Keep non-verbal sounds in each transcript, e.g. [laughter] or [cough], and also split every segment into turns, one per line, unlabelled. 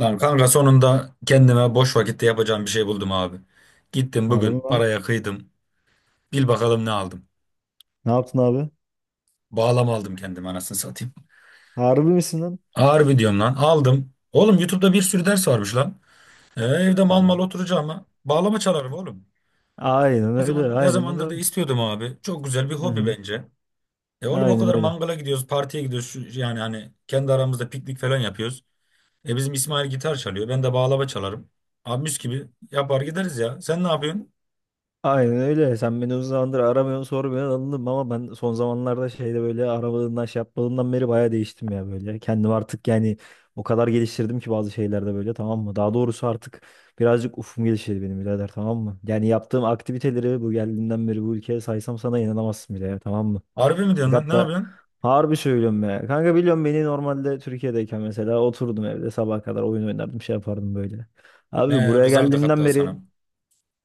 Lan kanka sonunda kendime boş vakitte yapacağım bir şey buldum abi. Gittim
Harbi mi
bugün
lan?
paraya kıydım. Bil bakalım ne aldım.
Ne yaptın abi?
Bağlama aldım kendime anasını satayım.
Harbi misin lan?
Harbi diyorum lan aldım. Oğlum YouTube'da bir sürü ders varmış lan. Evde mal mal
Ha.
oturacağım oturacağıma bağlama çalarım oğlum.
Aynen
Ne
öyle.
zaman ne
Aynen öyle
zamandır da
abi.
istiyordum abi. Çok güzel bir
Hı
hobi
hı.
bence. Oğlum o
Aynen
kadar
öyle.
mangala gidiyoruz, partiye gidiyoruz. Yani hani kendi aramızda piknik falan yapıyoruz. Bizim İsmail gitar çalıyor. Ben de bağlama çalarım. Abi mis gibi yapar gideriz ya. Sen ne yapıyorsun?
Aynen öyle. Sen beni uzun zamandır aramıyorsun, sormuyorsun, anladım, ama ben son zamanlarda şeyde böyle aramadığından şey yapmadığından beri bayağı değiştim ya böyle. Kendimi artık yani o kadar geliştirdim ki bazı şeylerde böyle, tamam mı? Daha doğrusu artık birazcık ufum gelişti benim birader, tamam mı? Yani yaptığım aktiviteleri bu geldiğimden beri bu ülkeye saysam sana inanamazsın bile ya, tamam mı?
Harbi mi diyorsun lan? Ne
Fakat da
yapıyorsun?
harbi söylüyorum ya. Kanka biliyorum beni, normalde Türkiye'deyken mesela oturdum evde sabaha kadar oyun oynardım, şey yapardım böyle. Abi
Ne
buraya
kızardık
geldiğimden
hatta
beri
sana.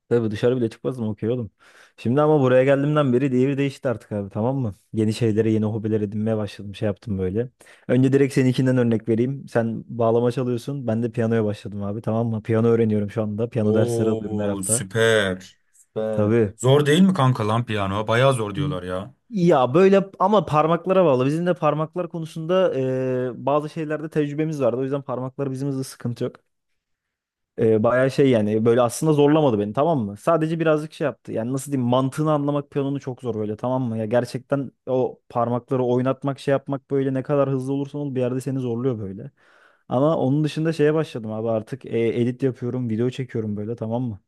tabii dışarı bile çıkmazdım, okey oğlum. Şimdi ama buraya geldiğimden beri devir değişti artık abi, tamam mı? Yeni şeylere, yeni hobiler edinmeye başladım, şey yaptım böyle. Önce direkt seninkinden örnek vereyim. Sen bağlama çalıyorsun, ben de piyanoya başladım abi, tamam mı? Piyano öğreniyorum şu anda, piyano dersleri alıyorum her
Oo,
hafta.
süper. Süper.
Tabii.
Zor değil mi kanka lan piyano? Bayağı zor diyorlar ya.
Ya böyle ama parmaklara bağlı. Bizim de parmaklar konusunda bazı şeylerde tecrübemiz vardı. O yüzden parmaklar bizim hızlı, sıkıntı yok. Bayağı şey yani böyle, aslında zorlamadı beni, tamam mı? Sadece birazcık şey yaptı. Yani nasıl diyeyim, mantığını anlamak piyanonun çok zor böyle, tamam mı? Ya gerçekten o parmakları oynatmak, şey yapmak böyle, ne kadar hızlı olursan ol bir yerde seni zorluyor böyle. Ama onun dışında şeye başladım abi artık, edit yapıyorum, video çekiyorum böyle, tamam mı?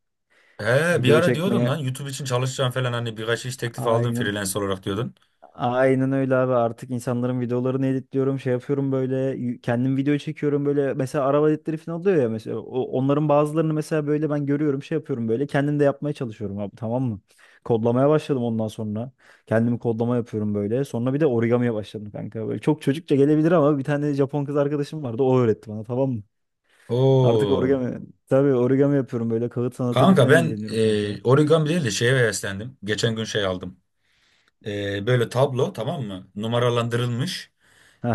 Bir
Video
ara diyordun lan
çekmeye
YouTube için çalışacağım falan hani birkaç iş teklifi aldım
aynen.
freelance olarak diyordun.
Aynen öyle abi, artık insanların videolarını editliyorum, şey yapıyorum böyle, kendim video çekiyorum böyle, mesela araba editleri falan oluyor ya, mesela onların bazılarını mesela böyle ben görüyorum, şey yapıyorum böyle, kendim de yapmaya çalışıyorum abi, tamam mı? Kodlamaya başladım, ondan sonra kendimi kodlama yapıyorum böyle, sonra bir de origamiye başladım kanka, böyle çok çocukça gelebilir ama bir tane Japon kız arkadaşım vardı, o öğretti bana, tamam mı? Artık
Oo.
origami, tabii origami yapıyorum böyle, kağıt sanatıyla
Kanka
falan
ben
ilgileniyorum kanka.
origami değil de şeye heveslendim. Geçen gün şey aldım. Böyle tablo, tamam mı? Numaralandırılmış,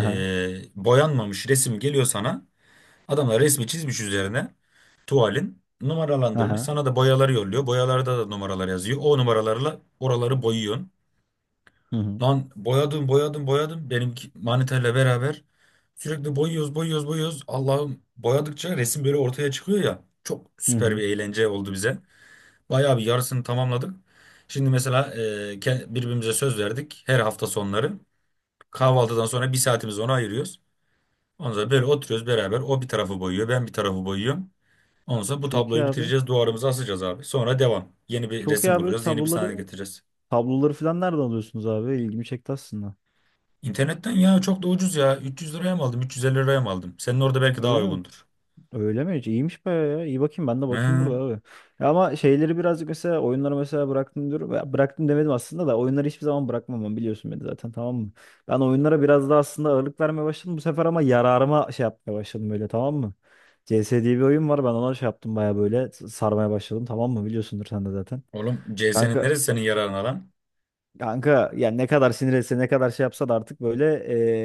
boyanmamış resim geliyor sana. Adamlar resmi çizmiş üzerine, tuvalin numaralandırmış.
aha
Sana da boyaları yolluyor. Boyalarda da numaralar yazıyor. O numaralarla oraları boyuyorsun.
hı hı
Lan boyadım boyadım boyadım. Benimki maniterle beraber sürekli boyuyoruz boyuyoruz boyuyoruz. Allah'ım, boyadıkça resim böyle ortaya çıkıyor ya. Çok
hı
süper bir
hı.
eğlence oldu bize. Bayağı bir yarısını tamamladık. Şimdi mesela birbirimize söz verdik. Her hafta sonları kahvaltıdan sonra bir saatimizi ona ayırıyoruz. Ondan sonra böyle oturuyoruz beraber. O bir tarafı boyuyor, ben bir tarafı boyuyorum. Ondan sonra bu
Çok iyi
tabloyu
abi.
bitireceğiz, duvarımıza asacağız abi. Sonra devam. Yeni bir
Çok iyi
resim
abi
bulacağız, yeni bir sahne
tabloları
getireceğiz.
Tabloları falan nereden alıyorsunuz abi? İlgimi çekti aslında.
İnternetten ya, çok da ucuz ya. 300 liraya mı aldım, 350 liraya mı aldım? Senin orada belki daha
Öyle mi?
uygundur.
Öyle mi? İyiymiş bayağı ya. İyi, bakayım ben de, bakayım burada
He.
abi. Ya ama şeyleri birazcık, mesela oyunları mesela bıraktım diyorum. Ya bıraktım demedim aslında da, oyunları hiçbir zaman bırakmam ben, biliyorsun beni zaten, tamam mı? Ben oyunlara biraz daha aslında ağırlık vermeye başladım bu sefer, ama yararıma şey yapmaya başladım böyle, tamam mı? CS diye bir oyun var, ben ona şey yaptım bayağı, böyle sarmaya başladım, tamam mı? Biliyorsundur sen de zaten.
Oğlum CS'nin
Kanka
neresi senin yararına lan?
Kanka yani ne kadar sinir etse, ne kadar şey yapsa da, artık böyle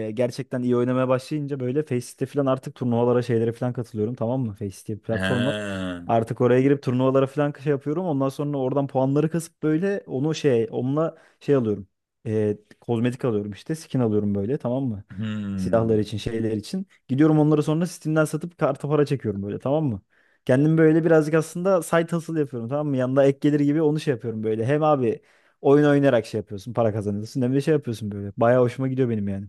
gerçekten iyi oynamaya başlayınca böyle Faceit falan, artık turnuvalara, şeylere falan katılıyorum, tamam mı? Faceit diye bir
He.
platform var. Artık oraya girip turnuvalara falan şey yapıyorum. Ondan sonra oradan puanları kasıp böyle onu şey, onunla şey alıyorum. Kozmetik alıyorum işte, skin alıyorum böyle, tamam mı?
Hmm.
Silahlar için, şeyler için. Gidiyorum onları sonra Steam'den satıp karta para çekiyorum böyle, tamam mı? Kendim böyle birazcık aslında side hustle yapıyorum, tamam mı? Yanında ek gelir gibi, onu şey yapıyorum böyle. Hem abi oyun oynayarak şey yapıyorsun, para kazanıyorsun. Hem de şey yapıyorsun böyle. Bayağı hoşuma gidiyor benim yani.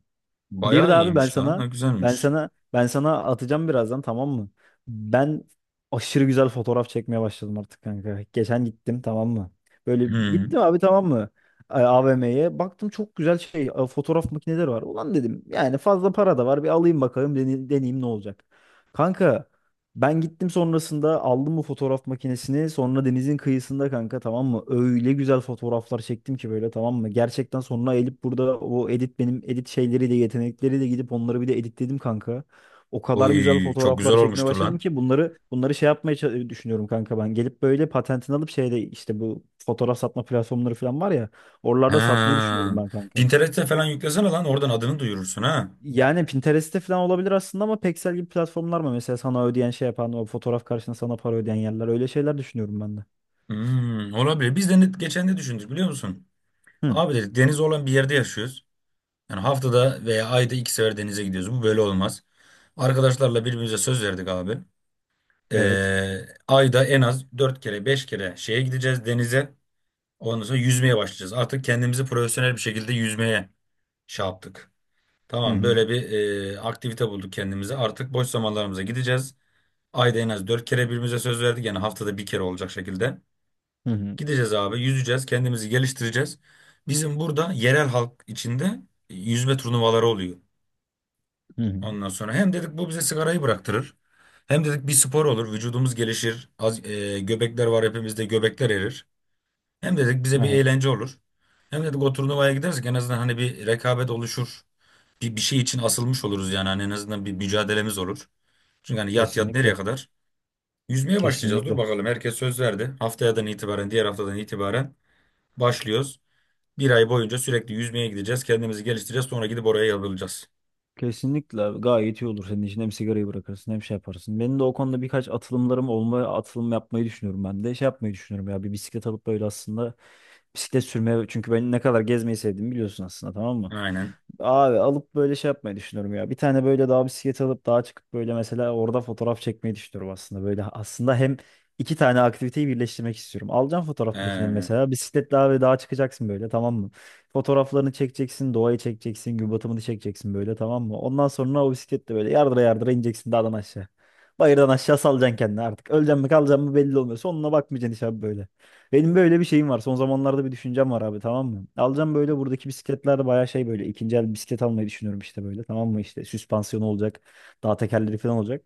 Bir de
Bayağı
abi ben
iyiymiş lan. Ha,
sana ben
güzelmiş.
sana ben sana atacağım birazdan, tamam mı? Ben aşırı güzel fotoğraf çekmeye başladım artık kanka. Geçen gittim, tamam mı? Böyle
Hmm.
gittim abi, tamam mı? AVM'ye baktım, çok güzel şey, fotoğraf makineleri var. Ulan dedim yani, fazla para da var, bir alayım bakalım, deneyeyim ne olacak. Kanka ben gittim sonrasında, aldım bu fotoğraf makinesini. Sonra denizin kıyısında kanka, tamam mı? Öyle güzel fotoğraflar çektim ki böyle, tamam mı? Gerçekten sonra elip burada o edit, benim edit şeyleri de yetenekleri de, gidip onları bir de editledim kanka. O kadar güzel
Oy, çok güzel
fotoğraflar çekmeye
olmuştur
başladım
lan.
ki, bunları şey yapmaya düşünüyorum kanka ben. Gelip böyle patentini alıp şeyde, işte bu fotoğraf satma platformları falan var ya.
He.
Oralarda satmayı düşünüyorum ben kanka.
Pinterest'e falan yüklesene lan, oradan adını duyurursun ha.
Yani Pinterest'te falan olabilir aslında, ama Pexel gibi platformlar mı? Mesela sana ödeyen şey yapan, o fotoğraf karşısında sana para ödeyen yerler. Öyle şeyler düşünüyorum ben de.
Hmm, olabilir. Biz de net geçen ne düşündük biliyor musun?
Hı,
Abi dedik, deniz olan bir yerde yaşıyoruz. Yani haftada veya ayda iki sefer denize gidiyoruz. Bu böyle olmaz. Arkadaşlarla birbirimize söz verdik abi.
evet.
Ee, ayda en az dört kere beş kere şeye gideceğiz, denize. Ondan sonra yüzmeye başlayacağız. Artık kendimizi profesyonel bir şekilde yüzmeye şey yaptık.
Hı
Tamam,
hı.
böyle bir aktivite bulduk kendimize. Artık boş zamanlarımıza gideceğiz. Ayda en az dört kere birbirimize söz verdik. Yani haftada bir kere olacak şekilde.
Hı hı.
Gideceğiz abi, yüzeceğiz, kendimizi geliştireceğiz. Bizim burada yerel halk içinde yüzme turnuvaları oluyor.
Hı hı.
Ondan sonra hem dedik bu bize sigarayı bıraktırır. Hem dedik bir spor olur, vücudumuz gelişir. Az, göbekler var hepimizde, göbekler erir. Hem dedik bize bir
Aha,
eğlence olur. Hem dedik o turnuvaya gidersek en azından hani bir rekabet oluşur. Bir şey için asılmış oluruz, yani hani en azından bir mücadelemiz olur. Çünkü hani yat yat nereye
kesinlikle.
kadar? Yüzmeye başlayacağız. Dur
Kesinlikle.
bakalım, herkes söz verdi. Diğer haftadan itibaren başlıyoruz. Bir ay boyunca sürekli yüzmeye gideceğiz. Kendimizi geliştireceğiz. Sonra gidip oraya yazılacağız.
Kesinlikle gayet iyi olur senin için. Hem sigarayı bırakırsın, hem şey yaparsın. Benim de o konuda birkaç atılımlarım olma, atılım yapmayı düşünüyorum ben de. Şey yapmayı düşünüyorum ya, bir bisiklet alıp böyle, aslında bisiklet sürmeye. Çünkü ben ne kadar gezmeyi sevdiğimi biliyorsun aslında, tamam mı?
Aynen.
Abi alıp böyle şey yapmayı düşünüyorum ya. Bir tane böyle daha bisiklet alıp, daha çıkıp böyle mesela orada fotoğraf çekmeyi düşünüyorum aslında. Böyle aslında hem iki tane aktiviteyi birleştirmek istiyorum. Alacağım fotoğraf makinemi
Ee,
mesela. Bisikletle abi dağa çıkacaksın böyle, tamam mı? Fotoğraflarını çekeceksin, doğayı çekeceksin, gün batımını çekeceksin böyle, tamam mı? Ondan sonra o bisikletle böyle yardıra yardıra ineceksin dağdan aşağı. Bayırdan aşağı salacaksın kendini artık. Öleceksin mi, kalacaksın mı belli olmuyor. Sonuna bakmayacaksın hiç abi böyle. Benim böyle bir şeyim var. Son zamanlarda bir düşüncem var abi, tamam mı? Alacağım böyle, buradaki bisikletlerde bayağı şey, böyle ikinci el bisiklet almayı düşünüyorum işte böyle, tamam mı? İşte süspansiyonu olacak. Dağ tekerleri falan olacak.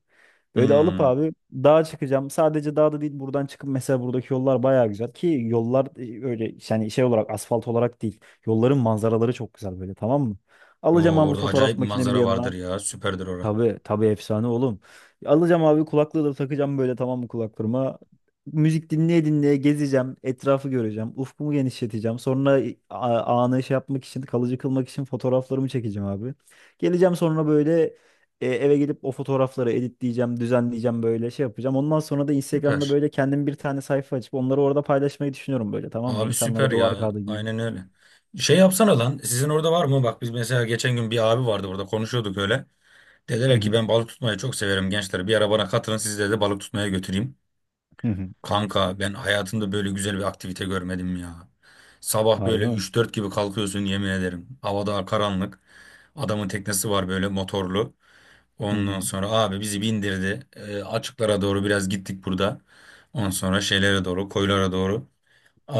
Böyle alıp
hmm.
abi dağa çıkacağım. Sadece dağda değil, buradan çıkıp mesela buradaki yollar bayağı güzel ki, yollar öyle yani şey olarak, asfalt olarak değil. Yolların manzaraları çok güzel böyle, tamam mı? Alacağım
Oo,
abi
orada
fotoğraf
acayip bir
makinemi de
manzara vardır
yanıma.
ya. Süperdir orası.
Tabii tabii, efsane oğlum. Alacağım abi kulaklığı da takacağım böyle, tamam mı, kulaklığıma. Müzik dinleye dinleye gezeceğim. Etrafı göreceğim. Ufkumu genişleteceğim. Sonra anı şey yapmak için, kalıcı kılmak için fotoğraflarımı çekeceğim abi. Geleceğim sonra böyle, eve gelip o fotoğrafları editleyeceğim, düzenleyeceğim böyle, şey yapacağım. Ondan sonra da Instagram'da
Süper.
böyle kendim bir tane sayfa açıp onları orada paylaşmayı düşünüyorum böyle, tamam mı?
Abi süper
İnsanlara duvar
ya.
kağıdı gibi.
Aynen öyle. Şey yapsana lan. Sizin orada var mı? Bak, biz mesela geçen gün bir abi vardı burada. Konuşuyorduk öyle.
Hı
Dediler ki,
hı,
ben balık tutmayı çok severim gençler. Bir ara bana katılın, sizi de balık tutmaya götüreyim.
hı hı.
Kanka, ben hayatımda böyle güzel bir aktivite görmedim ya. Sabah
Harbi
böyle
mi?
3-4 gibi kalkıyorsun, yemin ederim. Havada karanlık. Adamın teknesi var, böyle motorlu.
Hı hı,
Ondan sonra abi bizi bindirdi. Açıklara doğru biraz gittik burada. Ondan sonra şeylere doğru, koylara doğru.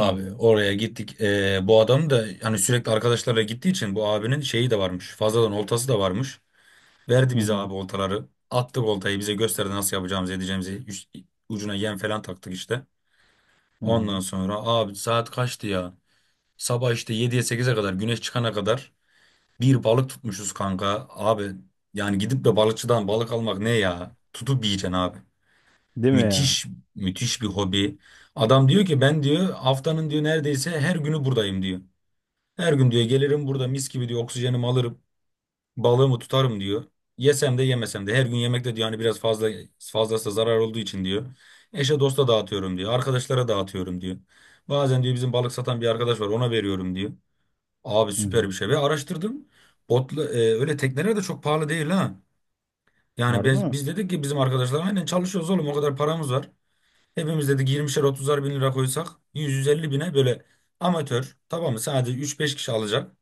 hı hı,
oraya gittik. Bu adam da hani sürekli arkadaşlarla gittiği için bu abinin şeyi de varmış. Fazladan oltası da varmış. Verdi
hı
bize
hı,
abi oltaları. Attık oltayı, bize gösterdi nasıl yapacağımızı edeceğimizi. Ucuna yem falan taktık işte.
hı hı.
Ondan sonra abi saat kaçtı ya? Sabah işte 7'ye 8'e kadar, güneş çıkana kadar bir balık tutmuşuz kanka. Abi, yani gidip de balıkçıdan balık almak ne ya? Tutup yiyeceksin abi.
Değil mi ya?
Müthiş, müthiş bir hobi. Adam diyor ki, ben diyor haftanın diyor neredeyse her günü buradayım diyor. Her gün diyor gelirim burada, mis gibi diyor oksijenimi alırım, balığımı tutarım diyor. Yesem de yemesem de her gün yemek de diyor hani biraz fazla, fazlası zarar olduğu için diyor. Eşe dosta dağıtıyorum diyor. Arkadaşlara dağıtıyorum diyor. Bazen diyor bizim balık satan bir arkadaş var, ona veriyorum diyor. Abi
Hı
süper
hı.
bir şey, ve araştırdım. Botla, öyle tekneler de çok pahalı değil ha. Yani
Harbi
biz,
mi?
biz dedik ki, bizim arkadaşlar aynen çalışıyoruz oğlum, o kadar paramız var. Hepimiz dedik 20'şer 30'ar bin lira koysak, 100-150 bine böyle amatör, tamam mı, sadece 3-5 kişi alacak.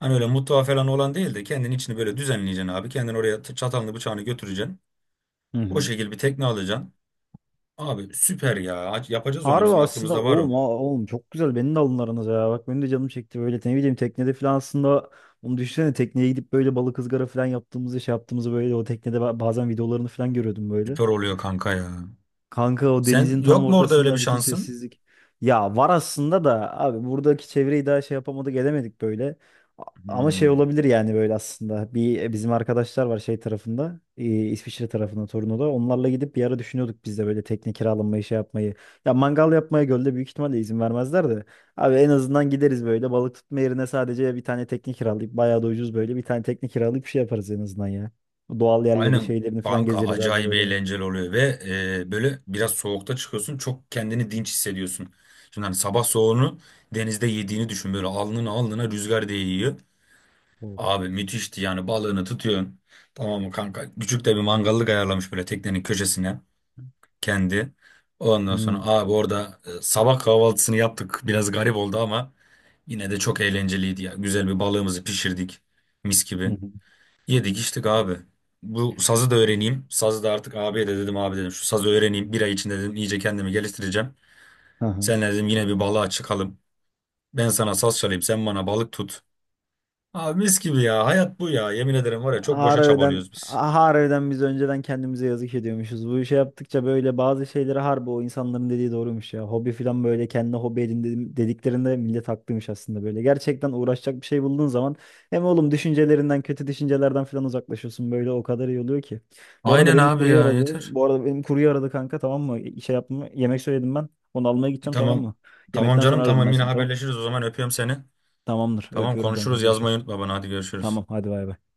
Hani öyle mutfağı falan olan değil de, kendin içini böyle düzenleyeceksin abi. Kendin oraya çatalını bıçağını götüreceksin.
Hı
O
hı.
şekilde bir tekne alacaksın. Abi süper ya. Yapacağız onu,
Harbi
bizim
aslında
aklımızda var o.
oğlum, oğlum çok güzel, beni de alın aranıza ya. Bak benim de canım çekti böyle, ne bileyim teknede falan, aslında onu düşünsene, tekneye gidip böyle balık ızgara falan yaptığımızı, şey yaptığımızı böyle, o teknede bazen videolarını falan görüyordum böyle.
Süper oluyor kanka ya.
Kanka o
Sen
denizin tam
yok mu orada öyle bir
ortasında, bütün
şansın?
sessizlik. Ya var aslında da abi, buradaki çevreyi daha şey yapamadık, edemedik böyle. Ama şey
Hmm.
olabilir yani böyle aslında. Bir bizim arkadaşlar var şey tarafında. İsviçre tarafında, Torino'da. Onlarla gidip bir ara düşünüyorduk biz de böyle tekne kiralamayı, şey yapmayı. Ya mangal yapmaya gölde büyük ihtimalle izin vermezler de. Abi en azından gideriz böyle balık tutma yerine, sadece bir tane tekne kiralayıp, bayağı da ucuz, böyle bir tane tekne kiralayıp bir şey yaparız en azından ya. Doğal yerleri,
Aynen
şeylerini falan
banka,
gezeriz abi
acayip
böyle.
eğlenceli oluyor ve böyle biraz soğukta çıkıyorsun, çok kendini dinç hissediyorsun. Şimdi hani sabah soğuğunu denizde yediğini düşün, böyle alnına alnına rüzgar değiyor.
Of.
Abi müthişti, yani balığını tutuyorsun. Tamam mı kanka? Küçük de bir mangallık ayarlamış böyle teknenin köşesine kendi. Ondan
Hmm.
sonra abi orada sabah kahvaltısını yaptık. Biraz garip oldu ama yine de çok eğlenceliydi ya. Güzel bir balığımızı pişirdik, mis gibi.
[laughs]
Yedik içtik abi. Bu sazı da öğreneyim. Sazı da artık, abiye de dedim, abi dedim şu sazı öğreneyim. Bir ay içinde dedim iyice kendimi geliştireceğim.
Hı hı.
Seninle dedim yine bir balığa çıkalım. Ben sana saz çalayım, sen bana balık tut. Abi mis gibi ya, hayat bu ya. Yemin ederim var ya, çok boşa
Harbiden,
çabalıyoruz biz.
harbiden biz önceden kendimize yazık ediyormuşuz. Bu işe yaptıkça böyle bazı şeyleri, harbi o insanların dediği doğruymuş ya. Hobi falan böyle, kendi hobi edin dediklerinde millet haklıymış aslında böyle. Gerçekten uğraşacak bir şey bulduğun zaman hem oğlum düşüncelerinden, kötü düşüncelerden falan uzaklaşıyorsun böyle, o kadar iyi oluyor ki. Bu arada
Aynen
benim
abi
kurye
ya,
aradı.
yeter.
Bu arada benim kurye aradı kanka, tamam mı? Şey yapma, yemek söyledim ben. Onu almaya gideceğim, tamam
Tamam.
mı?
Tamam
Yemekten
canım,
sonra ararım
tamam,
ben
yine
seni, tamam.
haberleşiriz o zaman, öpüyorum seni.
Tamamdır.
Tamam,
Öpüyorum kanka,
konuşuruz, yazmayı
görüşürüz.
unutma bana, hadi
Tamam,
görüşürüz.
hadi bay bay.